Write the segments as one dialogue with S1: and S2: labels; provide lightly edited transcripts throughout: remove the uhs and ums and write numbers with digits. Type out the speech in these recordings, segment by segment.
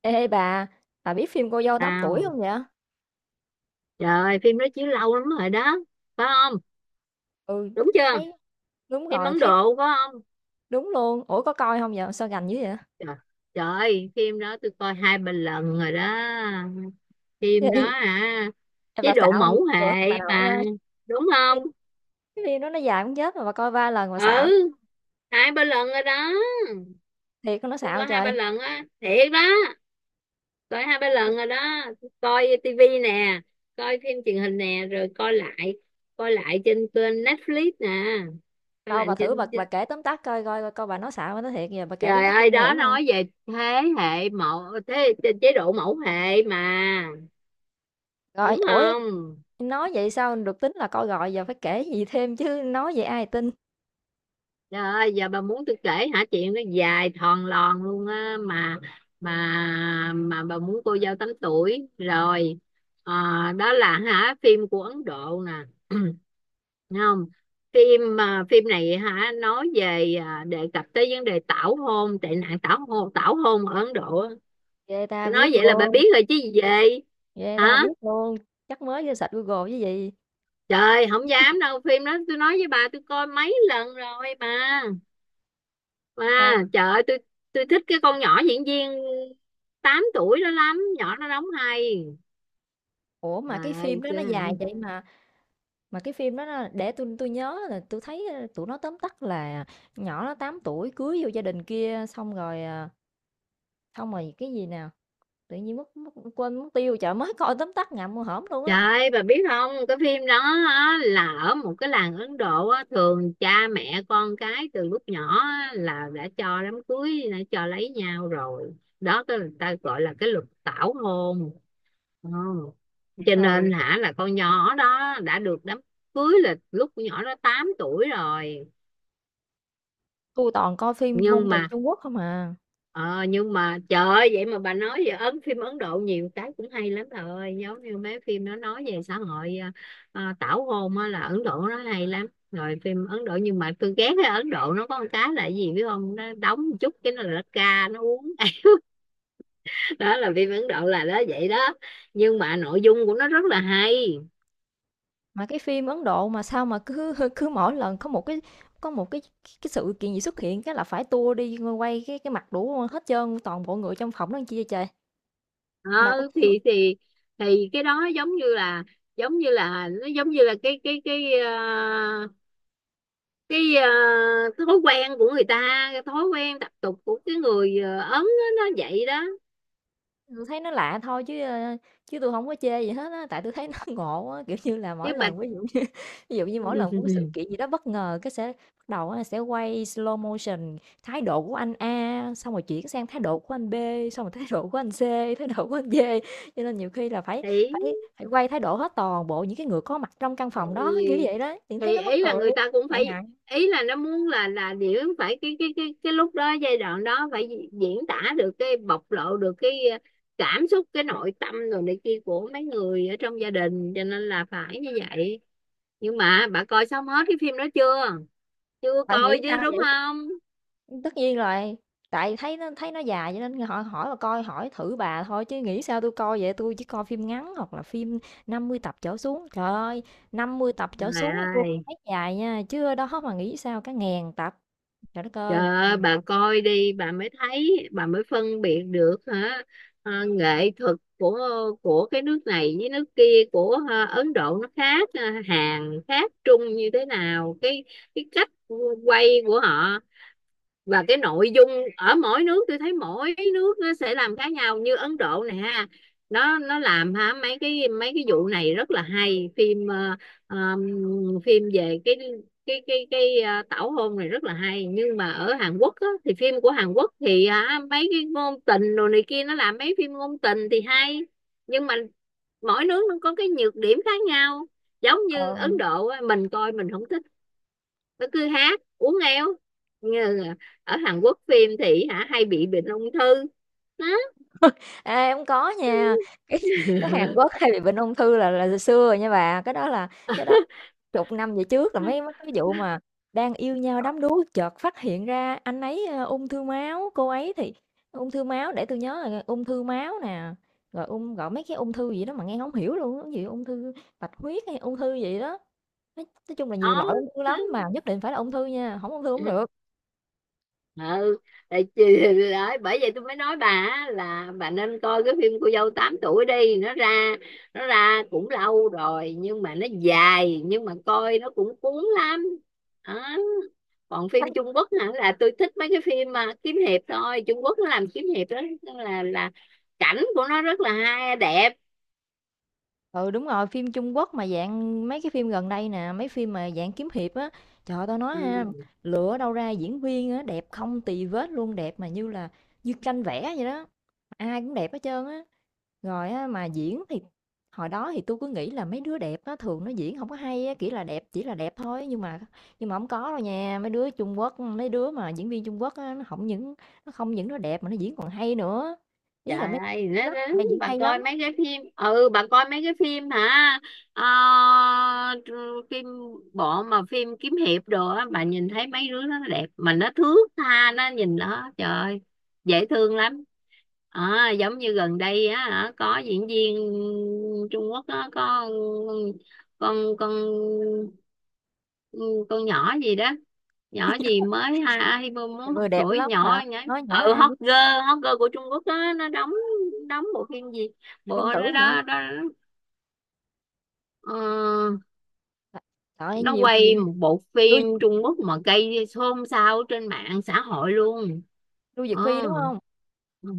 S1: Ê bà biết phim Cô dâu 8 tuổi
S2: Tao,
S1: không vậy?
S2: trời ơi, phim đó chiếu lâu lắm rồi đó, phải không?
S1: Ừ,
S2: Đúng chưa?
S1: thấy đúng
S2: Phim
S1: rồi,
S2: Ấn
S1: thấy
S2: Độ phải không?
S1: đúng luôn. Ủa có coi không vậy? Sao gành dữ vậy?
S2: Trời, trời ơi, phim đó tôi coi hai ba lần rồi đó.
S1: Gì?
S2: Phim đó hả?
S1: Em
S2: Chế
S1: bà
S2: độ
S1: xạo gì
S2: mẫu
S1: cửa bà
S2: hệ
S1: nội
S2: mà,
S1: ơi.
S2: đúng
S1: Cái
S2: không?
S1: phim, cái phim đó nó dài cũng chết mà bà coi ba lần mà xạo.
S2: Ừ, hai ba lần rồi đó.
S1: Thiệt con nó
S2: Tôi
S1: xạo
S2: coi hai ba
S1: trời.
S2: lần á, thiệt đó. Coi hai ba lần rồi đó. Tôi coi tivi nè, coi phim truyền hình nè, rồi coi lại, coi lại trên kênh Netflix nè, coi
S1: Đâu bà
S2: lại
S1: thử bà
S2: trên...
S1: bà kể tóm tắt coi bà nói xạo nó, thiệt giờ bà kể tóm
S2: Trời
S1: tắt
S2: ơi,
S1: luôn nghe
S2: đó
S1: thử coi.
S2: nói về thế hệ mẫu, thế chế chế độ mẫu hệ mà, đúng
S1: Rồi, ủa,
S2: không?
S1: nói vậy sao được tính là coi, rồi giờ phải kể gì thêm chứ, nói vậy ai tin.
S2: Trời ơi, giờ bà muốn tôi kể hả? Chuyện nó dài thòn lòn luôn á, mà bà muốn cô dâu 8 tuổi rồi. Ờ, đó là hả, phim của Ấn Độ nè. Thấy không? Phim à, phim này hả, nói về à, đề cập tới vấn đề tảo hôn, tệ nạn tảo hôn, tảo hôn ở Ấn Độ á.
S1: Ghê ta
S2: Tôi nói
S1: biết
S2: vậy là bà
S1: luôn.
S2: biết rồi chứ gì vậy?
S1: Ghê ta
S2: Hả?
S1: biết luôn. Chắc mới vô sạch Google chứ gì.
S2: Trời, không dám đâu, phim đó tôi nói với bà, tôi coi mấy lần rồi bà. Bà, trời ơi, tôi thích cái con nhỏ diễn viên 8 tuổi đó lắm, nhỏ nó đóng hay.
S1: Ủa, mà
S2: Trời
S1: cái phim
S2: ơi,
S1: đó
S2: kìa.
S1: nó dài vậy mà cái phim đó nó, để tôi nhớ là tôi thấy, tụi nó tóm tắt là nhỏ nó 8 tuổi cưới vô gia đình kia xong rồi, xong rồi cái gì nè, tự nhiên mất mất quên mất tiêu, chợ mới coi tóm tắt ngậm mua hổm luôn
S2: Trời
S1: á.
S2: ơi, bà biết không, cái phim đó á, là ở một cái làng Ấn Độ á, thường cha mẹ con cái từ lúc nhỏ á, là đã cho đám cưới, đã cho lấy nhau rồi đó, cái người ta gọi là cái luật tảo hôn. Ừ. Cho
S1: Ừ.
S2: nên hả, là con nhỏ đó đã được đám cưới là lúc con nhỏ đó 8 tuổi rồi.
S1: Tôi toàn coi phim ngôn
S2: Nhưng
S1: tình
S2: mà
S1: Trung Quốc không à,
S2: ờ, nhưng mà trời ơi, vậy mà bà, nói về ấn, phim Ấn Độ nhiều cái cũng hay lắm bà ơi, giống như mấy phim nó nói về xã hội, tảo hôn á, là Ấn Độ nó hay lắm, rồi phim Ấn Độ. Nhưng mà tôi ghét cái Ấn Độ, nó có một cái là cái gì biết không, nó đóng một chút cái nó là nó ca nó uống. Đó là phim Ấn Độ là đó, vậy đó, nhưng mà nội dung của nó rất là hay.
S1: mà cái phim Ấn Độ mà sao mà cứ cứ mỗi lần có một cái sự kiện gì xuất hiện cái là phải tua đi quay cái mặt đủ hết trơn, toàn bộ người trong phòng đó, làm chi vậy trời?
S2: Ờ,
S1: Bà có,
S2: thì thì cái đó giống như là, giống như là, nó giống như là cái cái cái, cái thói quen của người ta, cái thói quen tập tục của cái người Ấn á, nó vậy đó.
S1: tôi thấy nó lạ thôi chứ, chứ tôi không có chê gì hết á, tại tôi thấy nó ngộ á, kiểu như là,
S2: Cái
S1: mỗi
S2: bạch.
S1: lần ví dụ như ví dụ như mỗi lần có cái sự kiện gì đó bất ngờ, cái sẽ bắt đầu á, sẽ quay slow motion thái độ của anh A, xong rồi chuyển sang thái độ của anh B, xong rồi thái độ của anh C, thái độ của anh D, cho nên nhiều khi là phải
S2: thì
S1: phải phải quay thái độ hết toàn bộ những cái người có mặt trong căn phòng đó, kiểu
S2: thì
S1: vậy đó, thì thấy
S2: thì
S1: nó mắc
S2: ý là
S1: cười,
S2: người ta cũng
S1: này nọ.
S2: phải, ý là nó muốn là điểm phải cái cái lúc đó, giai đoạn đó phải diễn tả được, cái bộc lộ được cái cảm xúc, cái nội tâm rồi này kia của mấy người ở trong gia đình, cho nên là phải như vậy. Nhưng mà bà coi xong hết cái phim đó chưa? Chưa
S1: Bạn nghĩ
S2: coi chứ,
S1: sao
S2: đúng
S1: vậy?
S2: không?
S1: Tất nhiên rồi, tại thấy nó dài cho nên họ hỏi bà coi, hỏi thử bà thôi chứ nghĩ sao tôi coi vậy, tôi chỉ coi phim ngắn hoặc là phim 50 tập trở xuống. Trời ơi, 50 tập trở
S2: Trời
S1: xuống tôi
S2: ơi.
S1: thấy dài nha, chứ ở đó mà nghĩ sao cả ngàn tập. Trời đất
S2: Trời
S1: ơi, một
S2: ơi,
S1: ngàn
S2: bà
S1: tập.
S2: coi đi, bà mới thấy, bà mới phân biệt được hả. Ờ, nghệ thuật của cái nước này với nước kia, của Ấn Độ nó khác, Hàn khác Trung như thế nào, cái cách quay của họ và cái nội dung ở mỗi nước. Tôi thấy mỗi nước nó sẽ làm khác nhau, như Ấn Độ này ha, nó làm ha, mấy cái, mấy cái vụ này rất là hay. Phim ờm, phim về cái cái tảo hôn này rất là hay. Nhưng mà ở Hàn Quốc á, thì phim của Hàn Quốc thì hả, mấy cái ngôn tình đồ này kia, nó làm mấy phim ngôn tình thì hay. Nhưng mà mỗi nước nó có cái nhược điểm khác nhau. Giống như
S1: Ờ.
S2: Ấn Độ á, mình coi mình không thích, nó cứ hát uống éo, như ở Hàn Quốc phim thì hả hay bị bệnh ung thư đó.
S1: Ê, hông có nha, cái cái Hàn Quốc hay bị bệnh ung thư là từ xưa rồi nha bà, cái đó chục năm về trước là mấy mấy cái vụ mà đang yêu nhau đắm đuối chợt phát hiện ra anh ấy, ung thư máu, cô ấy thì ung thư máu, để tôi nhớ rồi, ung thư máu nè, rồi ung, gọi mấy cái ung thư gì đó mà nghe không hiểu luôn cái gì, ung thư bạch huyết hay ung thư gì đó. Nói chung là nhiều
S2: Đó,
S1: loại ung thư lắm mà nhất định phải là ung thư nha, không ung thư hổng được.
S2: ừ. Tại chị-, bởi vậy tôi mới nói bà là bà nên coi cái phim cô dâu 8 tuổi đi, nó ra, nó ra cũng lâu rồi nhưng mà nó dài, nhưng mà coi nó cũng cuốn lắm đó. Còn phim Trung Quốc hả, là tôi thích mấy cái phim mà kiếm hiệp thôi. Trung Quốc nó làm kiếm hiệp đó, là cảnh của nó rất là hay, đẹp.
S1: Ừ, đúng rồi, phim Trung Quốc mà dạng mấy cái phim gần đây nè, mấy phim mà dạng kiếm hiệp á, trời ơi, tao nói ha,
S2: Ừ.
S1: lựa đâu ra diễn viên á, đẹp không tì vết luôn, đẹp mà như là như tranh vẽ vậy đó, ai cũng đẹp hết trơn á. Rồi á, mà diễn thì hồi đó thì tôi cứ nghĩ là mấy đứa đẹp á, thường nó diễn không có hay á, kiểu là đẹp chỉ là đẹp thôi, nhưng mà không có đâu nha, mấy đứa Trung Quốc, mấy đứa mà diễn viên Trung Quốc á, nó không những nó đẹp mà nó diễn còn hay nữa. Ý là
S2: Trời
S1: mấy
S2: ơi,
S1: lớp hay diễn
S2: bà
S1: hay lắm.
S2: coi mấy cái phim, ừ, bà coi mấy cái phim hả. Ờ, phim bộ mà phim kiếm hiệp đồ á, bà nhìn thấy mấy đứa nó đẹp mà nó thước tha, nó nhìn nó trời ơi, dễ thương lắm. Ờ, giống như gần đây á hả, có diễn viên Trung Quốc á, có con ừ, con nhỏ gì đó, nhỏ gì mới hai ai vô muốn hot
S1: Người đẹp
S2: tuổi
S1: lắm
S2: nhỏ
S1: hả?
S2: nhá,
S1: Nói nhỏ
S2: ừ,
S1: ai
S2: hot
S1: biết,
S2: girl, hot girl của Trung Quốc đó. Nó đóng, đóng bộ phim gì,
S1: Dương
S2: bộ
S1: Tử
S2: đó
S1: hả?
S2: đó, đó, ờ,
S1: À, trời ơi,
S2: nó
S1: nhiều
S2: quay
S1: nhiều
S2: một bộ
S1: Lưu
S2: phim Trung Quốc mà gây xôn xao trên mạng xã hội luôn.
S1: Lưu Diệc
S2: Ờ,
S1: Phi, đúng không?
S2: ừ.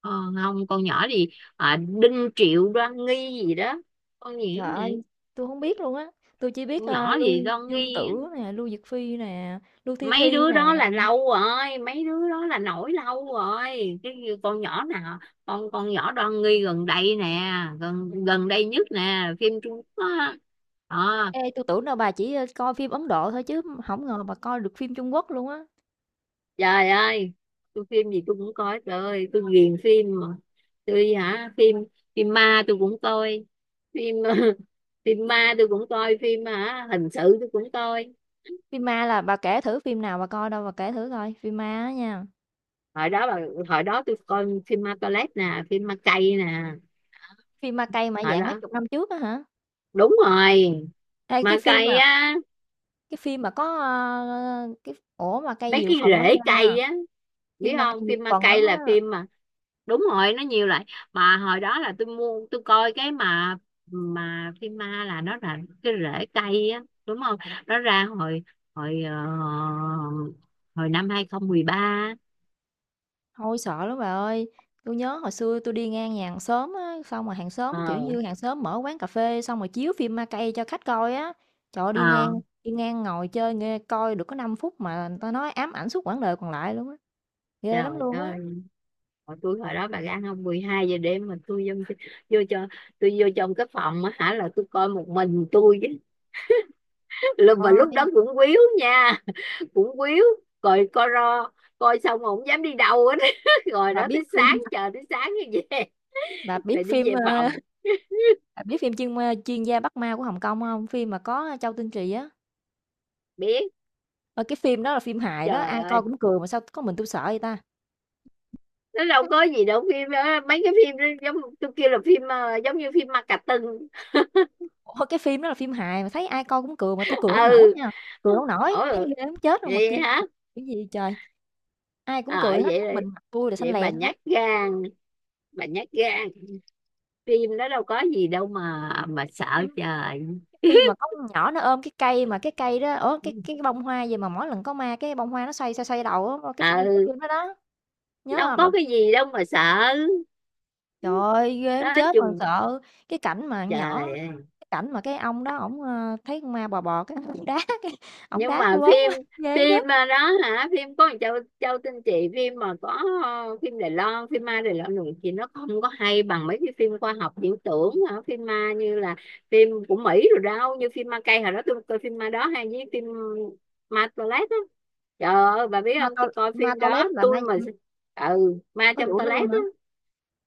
S2: Ờ, không, con nhỏ gì, à, Đinh Triệu Đoan Nghi gì đó, con gì
S1: Trời ơi,
S2: vậy,
S1: tôi không biết luôn á, tôi chỉ biết,
S2: con nhỏ
S1: Lưu
S2: gì Đoan
S1: Dương
S2: Nghi.
S1: Tử nè, Lưu Diệc Phi nè, Lưu Thi
S2: Mấy
S1: Thi
S2: đứa
S1: nè.
S2: đó là lâu rồi, mấy đứa đó là nổi lâu rồi, cái như con nhỏ nào, con nhỏ Đoan Nghi gần đây nè, gần gần đây nhất nè, phim Trung Quốc á. Ờ,
S1: Ê, tôi tưởng đâu bà chỉ, coi phim Ấn Độ thôi chứ không ngờ bà coi được phim Trung Quốc luôn á.
S2: trời ơi, tôi phim gì tôi cũng coi, trời ơi, tôi ghiền phim mà. Tôi hả, phim, phim ma tôi cũng coi, phim phim ma tôi cũng coi, phim hả hình sự tôi cũng coi.
S1: Phim ma là bà kể thử phim nào bà coi đâu, bà kể thử coi, phim ma á nha.
S2: Hồi đó là, hồi đó tôi coi phim ma toilet nè, phim ma cây nè.
S1: Phim ma cay mà
S2: Hồi
S1: dạng mấy
S2: đó,
S1: chục năm trước á hả?
S2: đúng rồi,
S1: Hay
S2: ma cây á,
S1: cái phim mà có, cái ổ mà ma cay
S2: mấy
S1: nhiều
S2: cái
S1: phần lắm
S2: rễ
S1: nha,
S2: cây á, biết
S1: phim ma
S2: không,
S1: cay nhiều
S2: phim ma
S1: phần
S2: cây
S1: lắm
S2: là
S1: á.
S2: phim mà, đúng rồi, nó nhiều lại. Mà hồi đó là tôi mua tôi coi cái mà phim ma là nó là cái rễ cây á, đúng không? Nó ra hồi, hồi hồi năm 2013.
S1: Thôi sợ lắm bà ơi, tôi nhớ hồi xưa tôi đi ngang nhà hàng xóm á, xong rồi hàng xóm, kiểu
S2: Ờ,
S1: như, hàng xóm mở quán cà phê xong rồi chiếu phim ma cây cho khách coi á. Trời ơi, đi
S2: ờ.
S1: ngang, đi ngang ngồi chơi nghe coi được có 5 phút mà người ta nói ám ảnh suốt quãng đời còn lại luôn á. Ghê lắm
S2: Trời
S1: luôn á.
S2: ơi, hồi tôi, hồi đó bà gan không, 12 giờ đêm mà tôi vô, vô cho, tôi vô trong cái phòng á hả, là tôi coi một mình tôi chứ. Là mà lúc
S1: Ôi,
S2: đó cũng quýu nha, cũng quýu, coi coi ro coi xong mà không dám đi đâu hết, rồi
S1: bà
S2: đó
S1: biết
S2: tới sáng,
S1: phim
S2: chờ tới sáng như vậy,
S1: bà biết
S2: rồi đi
S1: phim,
S2: về
S1: ơ,
S2: phòng.
S1: bà biết phim chuyên Chuyên gia Bắt Ma của Hồng Kông không? Phim mà có Châu Tinh Trì á.
S2: Biết.
S1: Ơ, cái phim đó là phim hài đó,
S2: Trời
S1: ai coi
S2: ơi,
S1: cũng cười mà sao có mình tôi sợ vậy ta?
S2: nó đâu có gì đâu phim đó. Mấy cái phim đó giống tôi kêu là phim giống như phim ma cà tưng.
S1: Ủa, cái phim đó là phim hài mà thấy ai coi cũng cười mà tôi cười không nổi
S2: Ừ.
S1: nha, cười không nổi, thấy
S2: Ủa,
S1: ghê muốn chết luôn mà
S2: vậy
S1: kêu
S2: hả?
S1: mà cái gì trời. Ai cũng
S2: Ờ,
S1: cười hết,
S2: vậy
S1: có mình
S2: rồi
S1: mặt tui là xanh
S2: vậy bà
S1: lè xanh lét.
S2: nhát gan, bà nhát gan, phim đó đâu có gì đâu mà sợ.
S1: Phim
S2: Trời.
S1: phim mà có con nhỏ nó ôm cái cây mà cái cây đó ở cái bông hoa gì mà mỗi lần có ma cái bông hoa nó xoay, xoay, xoay đầu á, cái ph cái
S2: Ừ,
S1: phim đó đó, nhớ
S2: đâu
S1: hông
S2: có
S1: bạn?
S2: cái gì đâu mà sợ.
S1: Trời ơi, ghê
S2: Đó
S1: muốn chết mà
S2: chung.
S1: sợ. Cái cảnh mà con nhỏ
S2: Trời ơi.
S1: cái cảnh mà cái ông đó ổng, thấy con ma bò bò cái ổng
S2: Nhưng
S1: đá
S2: mà
S1: tui bớn
S2: phim,
S1: quá, ghê muốn
S2: phim
S1: chết.
S2: mà đó hả, phim có Châu, Châu Tinh Chị, phim mà có phim Đài Loan, phim ma Đài Loan rồi chị, nó không có hay bằng mấy cái phim khoa học viễn tưởng hả? Phim ma như là phim của Mỹ, rồi đâu như phim ma cây hồi đó tôi coi, phim ma đó hay, với phim ma toilet á. Trời ơi, bà biết
S1: Ma
S2: không,
S1: to
S2: tôi coi
S1: ma
S2: phim
S1: to lớn
S2: đó
S1: là ma
S2: tôi mà, ừ, ma
S1: Có
S2: trong
S1: vụ đó
S2: toilet
S1: luôn hả?
S2: á.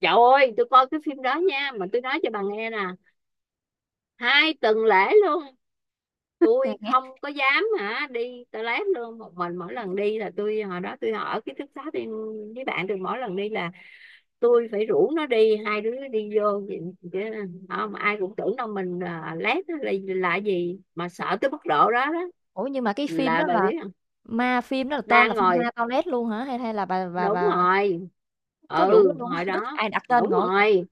S2: Trời ơi, tôi coi cái phim đó nha, mà tôi nói cho bà nghe nè, 2 tuần lễ luôn
S1: Được
S2: tôi
S1: nghe.
S2: không có dám hả đi toilet luôn một mình. Mỗi lần đi là tôi, hồi đó tôi ở ký túc xá tôi với bạn tôi, mỗi lần đi là tôi phải rủ nó đi, hai đứa đi vô vậy-, chứ không ai cũng tưởng đâu mình à, lét á, là gì mà sợ tới mức độ đó đó
S1: Ủa, nhưng mà cái phim
S2: là,
S1: đó
S2: bà
S1: là
S2: biết không.
S1: ma, phim đó là tên là
S2: Đang
S1: phim
S2: ngồi.
S1: ma toilet luôn hả? Hay hay là bà bà
S2: Đúng
S1: bà
S2: rồi.
S1: có vụ đó
S2: Ừ,
S1: luôn á?
S2: hồi đó.
S1: Ai đặt tên
S2: Đúng
S1: ngộ vậy?
S2: rồi,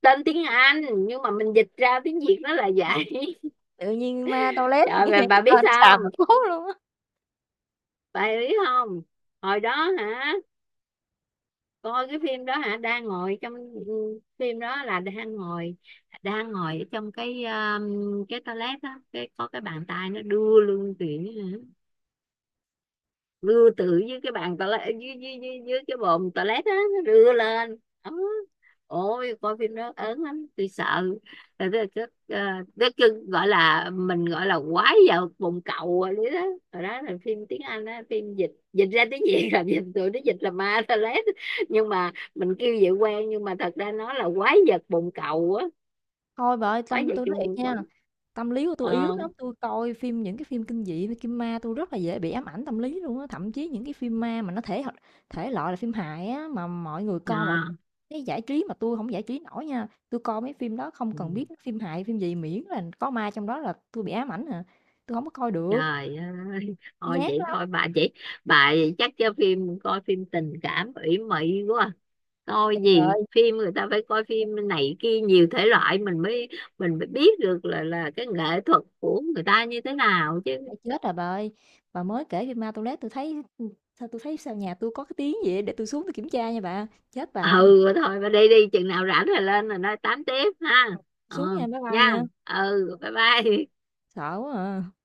S2: tên tiếng Anh nhưng mà mình dịch ra tiếng Việt nó là vậy.
S1: Tự nhiên ma toilet,
S2: Trời
S1: nghe cái
S2: bà biết
S1: tên nó
S2: sao,
S1: xàm mà cố luôn á.
S2: bà biết không, hồi đó hả, coi cái phim đó hả, đang ngồi trong, ừ, phim đó là đang ngồi, đang ngồi ở trong cái toilet đó, cái có cái bàn tay nó đưa luôn chuyện hả, rưa từ dưới cái bàn toilet, dưới cái bồn toilet á, nó rưa lên ấm. Ôi, coi phim đó ớn lắm, tôi sợ. Rồi tôi, à, tôi, kêu-, gọi là mình gọi là quái vào bồn cầu rồi đấy đó. Rồi đó là phim tiếng Anh á, phim dịch, dịch ra tiếng Việt là dịch, tụi nó dịch là ma toilet, nhưng mà mình kêu vậy quen, nhưng mà thật ra nó là quái vật bồn cầu á,
S1: Thôi bà ơi,
S2: quái vật
S1: tôi nói
S2: trong
S1: thiệt
S2: bồn
S1: nha,
S2: cầu.
S1: tâm lý của tôi yếu
S2: Ờ
S1: lắm, tôi coi phim, những cái phim kinh dị với kim ma tôi rất là dễ bị ám ảnh tâm lý luôn á, thậm chí những cái phim ma mà nó thể loại là phim hài á mà mọi người coi, mọi
S2: à.
S1: cái giải trí mà tôi không giải trí nổi nha, tôi coi mấy phim đó không cần biết nó phim hài phim gì, miễn là có ma trong đó là tôi bị ám ảnh à, tôi không có coi được,
S2: Trời ơi,
S1: tôi
S2: thôi
S1: nhát
S2: vậy
S1: lắm.
S2: thôi bà chị, bà chắc cho phim, coi phim tình cảm ủy mị quá, coi
S1: Trời
S2: gì,
S1: ơi,
S2: phim người ta phải coi phim này kia nhiều thể loại, mình mới, mình mới biết được là cái nghệ thuật của người ta như thế nào
S1: đã
S2: chứ.
S1: chết rồi bà ơi, bà mới kể phim ma, tôi lát tôi thấy, sao tôi thấy sao nhà tôi có cái tiếng gì vậy? Để tôi xuống tôi kiểm tra nha bà, chết
S2: Ừ,
S1: bà tôi.
S2: thôi bà đi đi, chừng nào rảnh rồi lên rồi nói tám tiếp ha. Ừ,
S1: Xuống nha, bye bye
S2: nha,
S1: nha.
S2: ừ, bye bye.
S1: Sợ quá à.